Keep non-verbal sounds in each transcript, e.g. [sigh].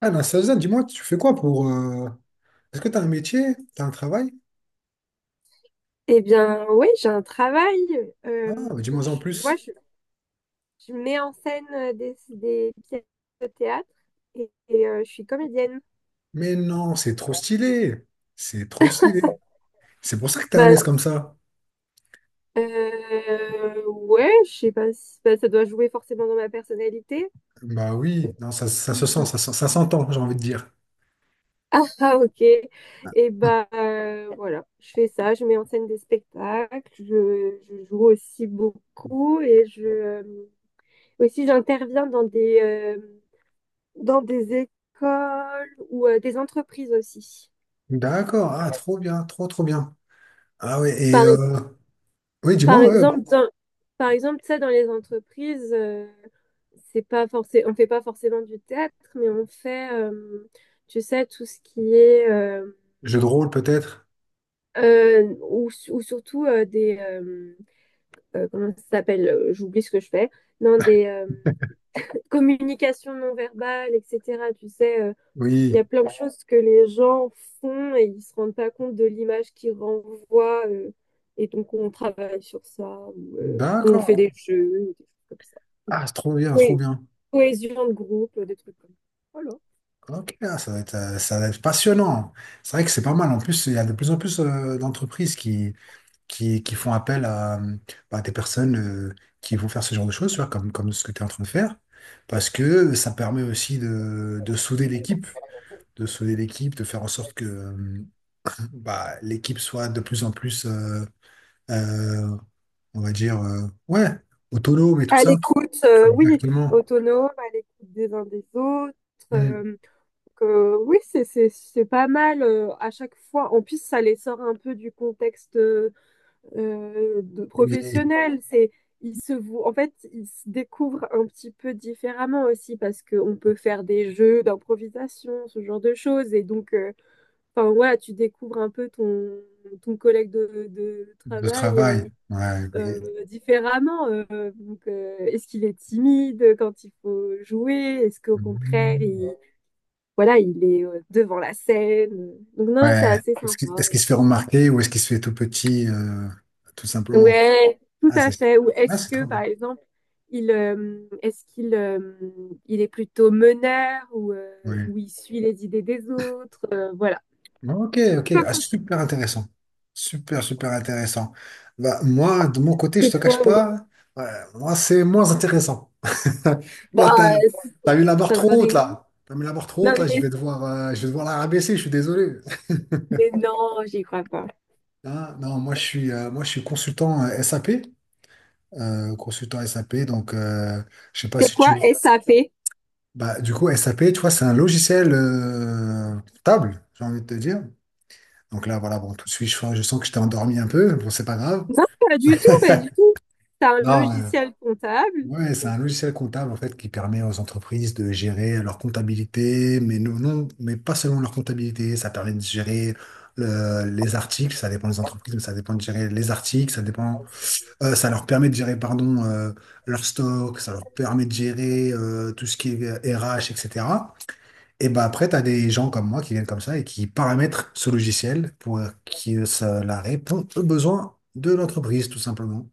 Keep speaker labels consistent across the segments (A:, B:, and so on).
A: Ah, Nastasian, dis-moi, tu fais quoi pour... est-ce que t'as un métier? T'as un travail?
B: Eh bien, oui, j'ai un travail.
A: Ah,
B: Euh,
A: bah, dis-moi en
B: je- moi,
A: plus.
B: je, je mets en scène des pièces de théâtre et, je suis comédienne.
A: Mais non, c'est trop stylé. C'est trop stylé. C'est pour ça que t'es à
B: Bah,
A: l'aise comme ça.
B: ouais, je sais pas si bah, ça doit jouer forcément dans ma personnalité. [laughs]
A: Bah oui, non, ça se sent,
B: Mm.
A: ça, se- ça s'entend, j'ai envie de dire.
B: Ah, ah, ok. Et
A: [laughs]
B: bah, voilà, je fais ça. Je mets en scène des spectacles. Je joue aussi beaucoup et je aussi j'interviens dans des écoles ou des entreprises aussi.
A: D'accord, ah, trop bien, trop, trop bien. Ah ouais, et...
B: Par, e-,
A: oui,
B: Par
A: dis-moi, ouais.
B: exemple, par exemple, ça, dans les entreprises, c'est pas forcé, on fait pas forcément du théâtre, mais on fait, tu sais, tout ce qui est,
A: Jeu de rôle peut-être?
B: ou, ou surtout comment ça s'appelle? J'oublie ce que je fais. Non, des communications non verbales, etc. Tu sais, il y
A: Oui.
B: a plein de choses que les gens font et ils se rendent pas compte de l'image qu'ils renvoient. Et donc, on travaille sur ça, ou on
A: D'accord.
B: fait des jeux, ou des trucs comme ça.
A: Ah, c'est trop bien, trop
B: Oui,
A: bien.
B: cohésion de groupe, des trucs comme ça. Voilà.
A: Ok, ah, ça va être passionnant. C'est vrai que c'est pas mal. En plus, il y a de plus en plus d'entreprises qui... qui font appel à des personnes euh, qui vont faire ce genre de choses, tu vois, comme ce que tu es en train de faire, parce que ça permet aussi de souder l'équipe, de souder l'équipe, de faire en sorte que bah, l'équipe soit de plus en plus, euh, on va dire, ouais, autonome et tout
B: À
A: ça.
B: l'écoute, oui,
A: Exactement.
B: autonome, à l'écoute des uns des autres. euh,
A: Mm.
B: oui, c'est pas mal à chaque fois. En plus, ça les sort un peu du contexte. De
A: Oui,
B: professionnels. En fait, ils se découvrent un petit peu différemment aussi parce qu'on peut faire des jeux d'improvisation, ce genre de choses. Et donc, enfin, voilà, tu découvres un peu ton collègue de
A: de
B: travail
A: travail. Ouais.
B: différemment. Est-ce qu'il est timide quand il faut jouer? Est-ce qu'au contraire,
A: Mm.
B: voilà, il est devant la scène? Donc, non, c'est
A: Ouais.
B: assez
A: Est-ce qu'il
B: sympa.
A: est-ce qu'il se fait remarquer ou est-ce qu'il se fait tout petit, tout simplement?
B: Ouais, tout
A: Ah,
B: à
A: c'est
B: fait. Ou
A: ah,
B: est-ce
A: c'est
B: que,
A: trop
B: par
A: bien.
B: exemple, il est-ce qu'il il est plutôt meneur
A: Ouais.
B: ou il suit les idées des autres voilà.
A: Bon, ok, ok.
B: Comme
A: Ah,
B: ça.
A: super intéressant. Super, super intéressant. Bah, moi, de mon côté, je
B: Et
A: te cache
B: toi, oui.
A: pas, ouais, moi, c'est moins intéressant. [laughs] Là,
B: Bah,
A: t'as,
B: c'est
A: t'as mis la barre
B: pas
A: trop haute,
B: vrai.
A: là. T'as mis la barre trop
B: Non,
A: haute, là. Je vais devoir la rabaisser, je suis désolé.
B: mais non, j'y crois pas.
A: Hein, non, moi, je suis consultant SAP. Consultant SAP, donc, je sais pas
B: C'est
A: si tu...
B: quoi SAP?
A: Bah, du coup, SAP, tu vois, c'est un logiciel table, j'ai envie de te dire. Donc là, voilà, bon, tout de suite, je sens que je t'ai endormi un peu. Bon, c'est pas grave.
B: Non, pas du tout, pas du tout. C'est un
A: Non, mais
B: logiciel comptable.
A: ouais, c'est
B: Ok.
A: un logiciel comptable en fait qui permet aux entreprises de gérer leur comptabilité, mais non, mais pas seulement leur comptabilité. Ça permet de gérer les articles. Ça dépend des entreprises, mais ça dépend de gérer les articles. Ça dépend. Ça leur permet de gérer, pardon, leur stock. Ça leur permet de gérer tout ce qui est RH, etc. Et cetera. Et ben après, t'as des gens comme moi qui viennent comme ça et qui paramètrent ce logiciel pour que ça la répond aux besoins de l'entreprise, tout simplement.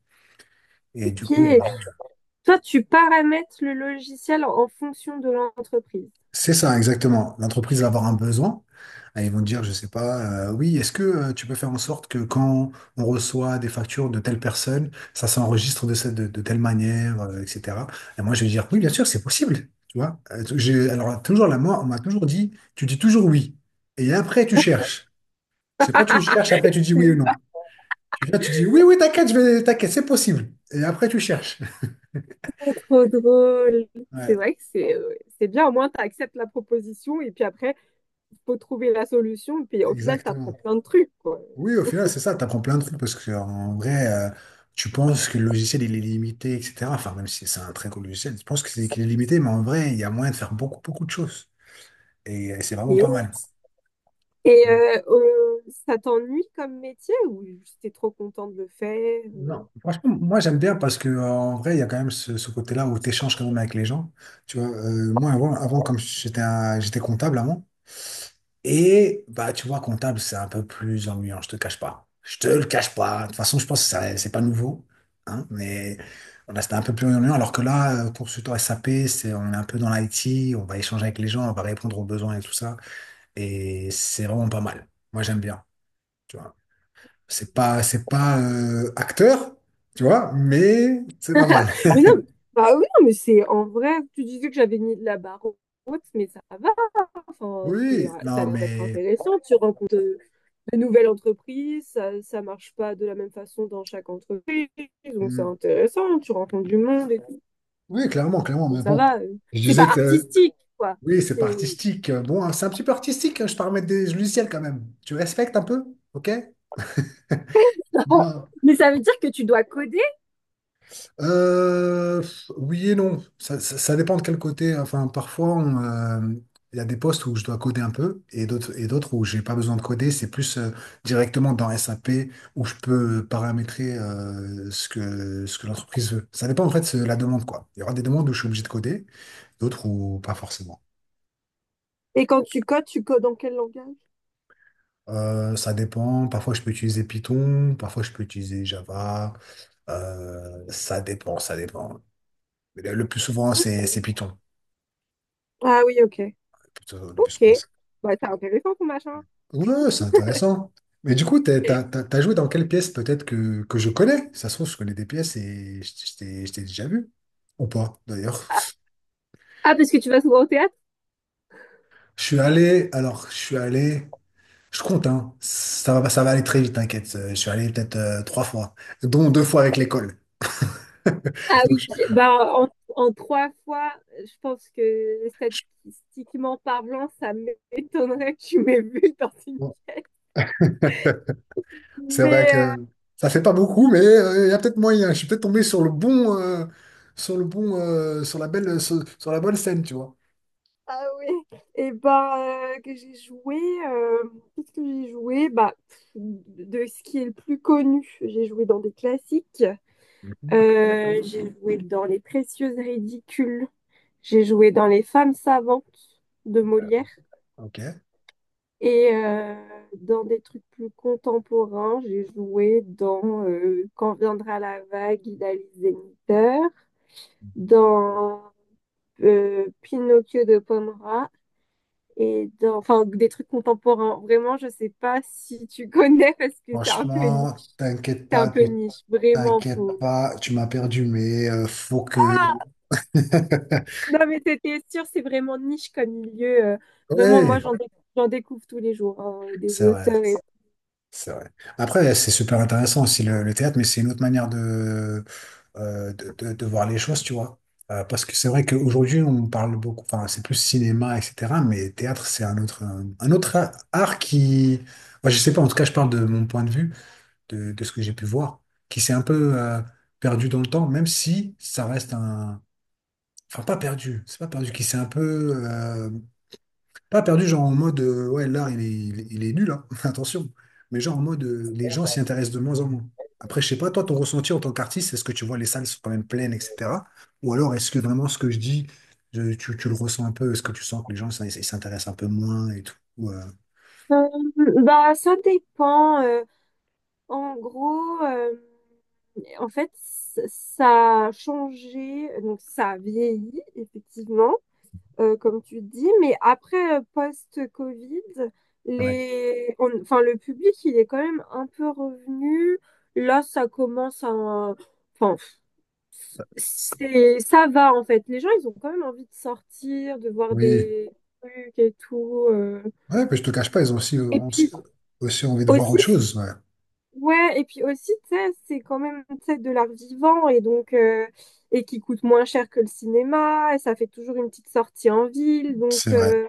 A: Et du
B: Ok.
A: coup, voilà.
B: Toi, tu paramètres le logiciel en fonction de l'entreprise.
A: C'est ça, exactement. L'entreprise va avoir un besoin. Et ils vont te dire, je sais pas, oui, est-ce que tu peux faire en sorte que quand on reçoit des factures de telle personne, ça s'enregistre de telle manière, etc. Et moi, je vais dire, oui, bien sûr, c'est possible. Tu vois? Alors, toujours là, moi, on m'a toujours dit, tu dis toujours oui. Et après, tu cherches. Je sais pas, tu cherches, après, tu dis oui ou
B: C'est
A: non. Tu viens, tu dis, oui, oui, t'inquiète, t'inquiète, c'est possible. Et après, tu cherches.
B: pas trop drôle.
A: [laughs]
B: C'est
A: Ouais,
B: vrai que c'est bien, au moins tu acceptes la proposition et puis après, faut trouver la solution, puis au final, t'apprends
A: exactement.
B: plein de trucs, quoi.
A: Oui, au final, c'est ça, tu apprends plein de trucs parce que en vrai, tu penses que le logiciel il est limité, etc. Enfin, même si c'est un très gros logiciel, tu penses que c'est qu'il est limité, mais en vrai, il y a moyen de faire beaucoup, beaucoup de choses. Et, c'est vraiment
B: Et,
A: pas mal.
B: Ça t'ennuie comme métier ou j'étais trop contente de le faire?
A: Non, franchement, moi j'aime bien parce que en vrai, il y a quand même ce côté-là où tu échanges quand même avec les gens. Tu vois, avant comme j'étais comptable avant, et bah, tu vois, comptable, c'est un peu plus ennuyant, je te cache pas. Je te le cache pas. De toute façon, je pense que ça- c'est pas nouveau. Hein, mais voilà, c'était un peu plus ennuyant. Alors que là, consultant SAP, c'est, on est un peu dans l'IT, on va échanger avec les gens, on va répondre aux besoins et tout ça. Et c'est vraiment pas mal. Moi, j'aime bien. Tu vois. C'est pas acteur, tu vois, mais c'est pas mal.
B: Mais non,
A: [laughs]
B: bah oui, non, mais c'est en vrai, tu disais que j'avais mis de la barre haute, mais ça va, enfin, c'est,
A: Oui,
B: ça a
A: non,
B: l'air d'être
A: mais.
B: intéressant. Tu rencontres de nouvelles entreprises, ça marche pas de la même façon dans chaque entreprise, donc c'est
A: Hmm,
B: intéressant, tu rencontres du monde et tout,
A: oui, clairement, clairement.
B: donc
A: Mais
B: ça
A: bon,
B: va.
A: je
B: C'est pas
A: disais que.
B: artistique, quoi.
A: Oui, c'est
B: C'est
A: pas artistique. Bon, hein, c'est un petit peu artistique. Hein, je te remets des logiciels quand même. Tu respectes un peu? OK?
B: [laughs]
A: Non.
B: mais ça veut dire que tu dois coder?
A: Pff, oui et non. Ça dépend de quel côté. Enfin, parfois, on, il y a des postes où je dois coder un peu et d'autres où j'ai pas besoin de coder. C'est plus directement dans SAP où je peux paramétrer ce que l'entreprise veut. Ça dépend en fait de la demande, quoi. Il y aura des demandes où je suis obligé de coder, d'autres où pas forcément.
B: Et quand tu codes dans quel langage?
A: Ça dépend. Parfois, je peux utiliser Python, parfois, je peux utiliser Java. Ça dépend. Mais le plus souvent, c'est Python.
B: Ah oui, ok.
A: Plutôt, le plus
B: Ok.
A: souvent, c'est-
B: Bah, c'est intéressant ton machin.
A: ouais, c'est intéressant. Mais du coup, t'as joué dans quelle pièce peut-être que je connais? Ça se trouve, je connais des pièces et je t'ai déjà vu. Ou pas, d'ailleurs.
B: Ah, parce que tu vas souvent au théâtre?
A: Je suis allé, je compte, hein. Ça va aller très vite, t'inquiète. Je suis allé peut-être trois fois, dont deux fois avec l'école. [laughs]
B: Ah
A: Donc,
B: oui,
A: je-
B: ben, en trois fois, je pense que
A: je-
B: statistiquement parlant, ça m'étonnerait que tu m'aies vu dans une pièce.
A: C'est vrai
B: Mais
A: que ça fait pas beaucoup, mais il y a peut-être moyen. Je suis peut-être tombé sur le bon, sur le bon, sur la belle, sur, sur la bonne scène, tu vois.
B: ah oui, et ben que j'ai joué, euh, qu'est-ce que j'ai joué? Bah, pff, de ce qui est le plus connu, j'ai joué dans des classiques.
A: Mhm.
B: J'ai joué dans Les Précieuses Ridicules, j'ai joué dans Les Femmes Savantes de Molière.
A: Ok.
B: Et dans des trucs plus contemporains, j'ai joué dans Quand viendra la vague d'Alice Zenniter, dans Pinocchio de Pomera et dans enfin des trucs contemporains. Vraiment, je sais pas si tu [laughs] connais parce que c'est un peu niche.
A: Franchement,
B: C'est un peu niche, vraiment
A: t'inquiètes
B: faux.
A: pas, tu m'as perdu, mais faut que.
B: Ah,
A: [laughs]
B: non mais c'était sûr, c'est vraiment niche comme milieu. Vraiment, moi
A: Oui,
B: j'en découvre tous les jours hein, des
A: c'est vrai.
B: auteurs. Et
A: C'est vrai. Après, c'est super intéressant aussi le théâtre, mais c'est une autre manière de, de voir les choses, tu vois. Parce que c'est vrai qu'aujourd'hui, on parle beaucoup, enfin, c'est plus cinéma, etc. Mais théâtre, c'est un autre, autre art qui, moi, je sais pas, en tout cas, je parle de mon point de vue, de ce que j'ai pu voir, qui s'est un peu perdu dans le temps, même si ça reste un. Enfin, pas perdu, c'est pas perdu, qui s'est un peu. Euh, pas perdu, genre en mode, ouais, l'art, il est, il est, il est nul, hein, [laughs] attention. Mais genre en mode, les gens s'y intéressent de moins en moins. Après, je sais pas, toi, ton ressenti en tant qu'artiste, est-ce que tu vois les salles sont quand même pleines, etc. Ou alors, est-ce que vraiment ce que je dis, tu le ressens un peu? Est-ce que tu sens que les gens ça, ils s'intéressent un peu moins et tout? Ou,
B: Euh, bah ça dépend. En gros, en fait, ça a changé, donc ça a vieilli, effectivement, comme tu dis, mais après, post-Covid,
A: ouais.
B: les... enfin, le public, il est quand même un peu revenu. Là, ça commence à... Enfin, c'est... ça va, en fait. Les gens, ils ont quand même envie de sortir, de voir
A: Oui.
B: des trucs et tout.
A: Ouais, mais je te cache pas, ils
B: Et
A: ont aussi
B: puis
A: aussi envie de voir
B: aussi,
A: autre chose. Ouais.
B: ouais, et puis aussi, tu sais, c'est quand même, tu sais, de l'art vivant et donc, et qui coûte moins cher que le cinéma, et ça fait toujours une petite sortie en ville. Donc,
A: C'est vrai,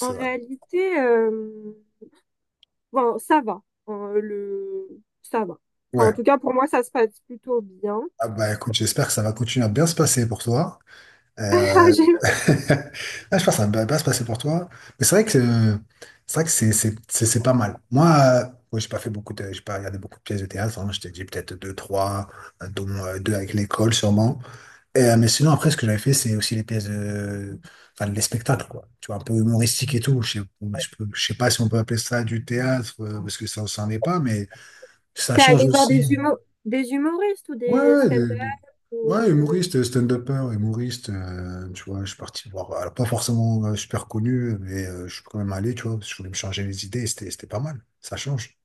B: en
A: vrai.
B: réalité, bon, ça va. Le... Ça va. Enfin,
A: Ouais.
B: en tout cas, pour moi, ça se passe plutôt bien.
A: Ah bah écoute, j'espère que ça va continuer à bien se passer pour toi.
B: [laughs] Ah,
A: Euh,
B: j'ai-
A: [laughs] ah, je pense que ça ne va pas se passer pour toi. Mais c'est vrai que c'est vrai que c'est pas mal. Moi, moi, j'ai pas fait beaucoup de, j'ai pas regardé beaucoup de pièces de théâtre. Hein. Je t'ai dit peut-être deux, trois, dont deux avec l'école sûrement. Et, mais sinon, après, ce que j'avais fait, c'est aussi les pièces de, enfin, les spectacles, quoi. Tu vois, un peu humoristique et tout. Je sais, je sais pas si on peut appeler ça du théâtre, parce que ça n'en est pas, mais ça
B: T'es
A: change
B: allé voir des
A: aussi.
B: [laughs] des humoristes ou
A: Ouais,
B: des
A: ouais, de-
B: stand-up
A: de-
B: ou,
A: ouais, humoriste, stand-upper, humoriste, tu vois, je suis parti voir, alors pas forcément super connu, mais je suis quand même allé, tu vois, parce que je voulais me changer les idées, et c'était pas mal, ça change.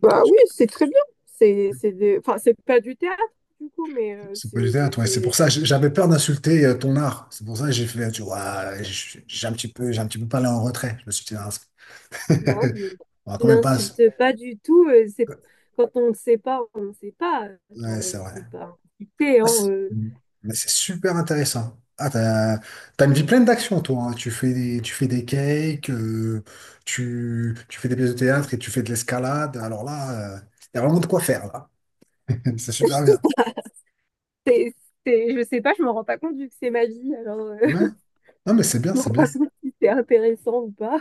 B: bah oui, c'est très bien. C'est enfin, c'est pas du théâtre, du coup, mais
A: C'est pas du
B: c'est
A: théâtre, ouais, c'est pour
B: c'est-
A: ça, j'avais peur d'insulter ton art, c'est pour ça que j'ai fait, tu vois, ouais, j'ai un petit peu parlé en retrait, je me suis dit, ah, c'est-
B: non, mais
A: [laughs] on va quand même pas,
B: n'insulte pas du tout. C'est... Quand on ne sait pas, on ne sait pas. Enfin,
A: ouais, c'est vrai.
B: c'est pas insulter,
A: Ah,
B: hein,
A: c'est mais c'est super intéressant. Ah, t'as, t'as une vie pleine d'actions, toi. Hein. Tu fais des cakes, tu fais des pièces de théâtre et tu fais de l'escalade. Alors là, il y a vraiment de quoi faire, là. [laughs] C'est super bien.
B: [laughs] C'est, je sais pas, je me rends pas compte vu que c'est ma vie, alors
A: Ouais.
B: [laughs]
A: Non, mais c'est bien,
B: je me
A: c'est
B: rends pas
A: bien.
B: compte si c'est intéressant ou pas.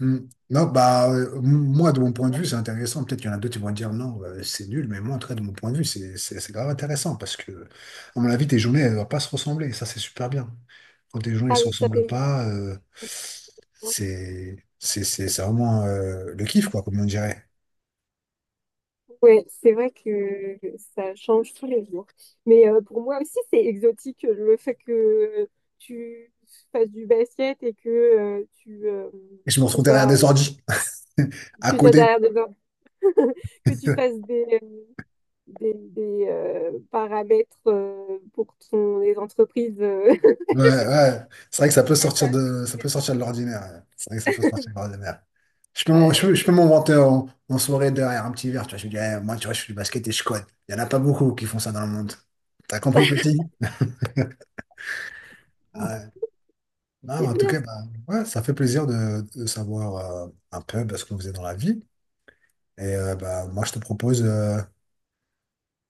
A: Hmm. Non, bah, moi, de mon point de vue, c'est intéressant. Peut-être qu'il y en a d'autres qui vont dire non, c'est nul, mais moi, en tout cas, de mon point de vue, c'est grave intéressant parce que, à mon avis, tes journées, elles ne doivent pas se ressembler. Ça, c'est super bien. Quand tes journées ne
B: Ah
A: se
B: oui, ça c'est
A: ressemblent
B: moi.
A: pas, c'est vraiment le kiff, quoi, comme on dirait.
B: Ouais, c'est vrai que ça change tous les jours. Mais pour moi aussi, c'est exotique le fait que tu fasses du basket et que
A: Et je me
B: tu
A: retrouve derrière
B: sois,
A: des ordi, [laughs] à
B: tu sois
A: côté.
B: derrière des hommes, [laughs] que tu fasses paramètres pour ton, les entreprises. [laughs]
A: Ouais,
B: Je sais
A: ouais. C'est vrai que ça peut sortir de, ça peut sortir de l'ordinaire. Ouais. C'est vrai que ça peut sortir de l'ordinaire.
B: pas, mais
A: Je peux m'en vanter en, en soirée derrière un petit verre, tu vois. Je me dis, eh, moi, tu vois, je fais du basket et je code. Il n'y en a pas beaucoup qui font ça dans le monde. T'as compris, petit? Ouais. Non,
B: c'est
A: en tout
B: bien
A: cas,
B: ça.
A: bah, ouais, ça fait plaisir de savoir un peu bah, ce qu'on faisait dans la vie. Et bah, moi, je te propose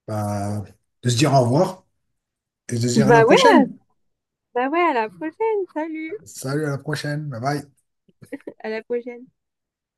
A: bah, de se dire au revoir et de se dire à la
B: Bah ouais,
A: prochaine.
B: bah ouais, à la prochaine. Salut,
A: Salut, à la prochaine. Bye bye.
B: à la prochaine.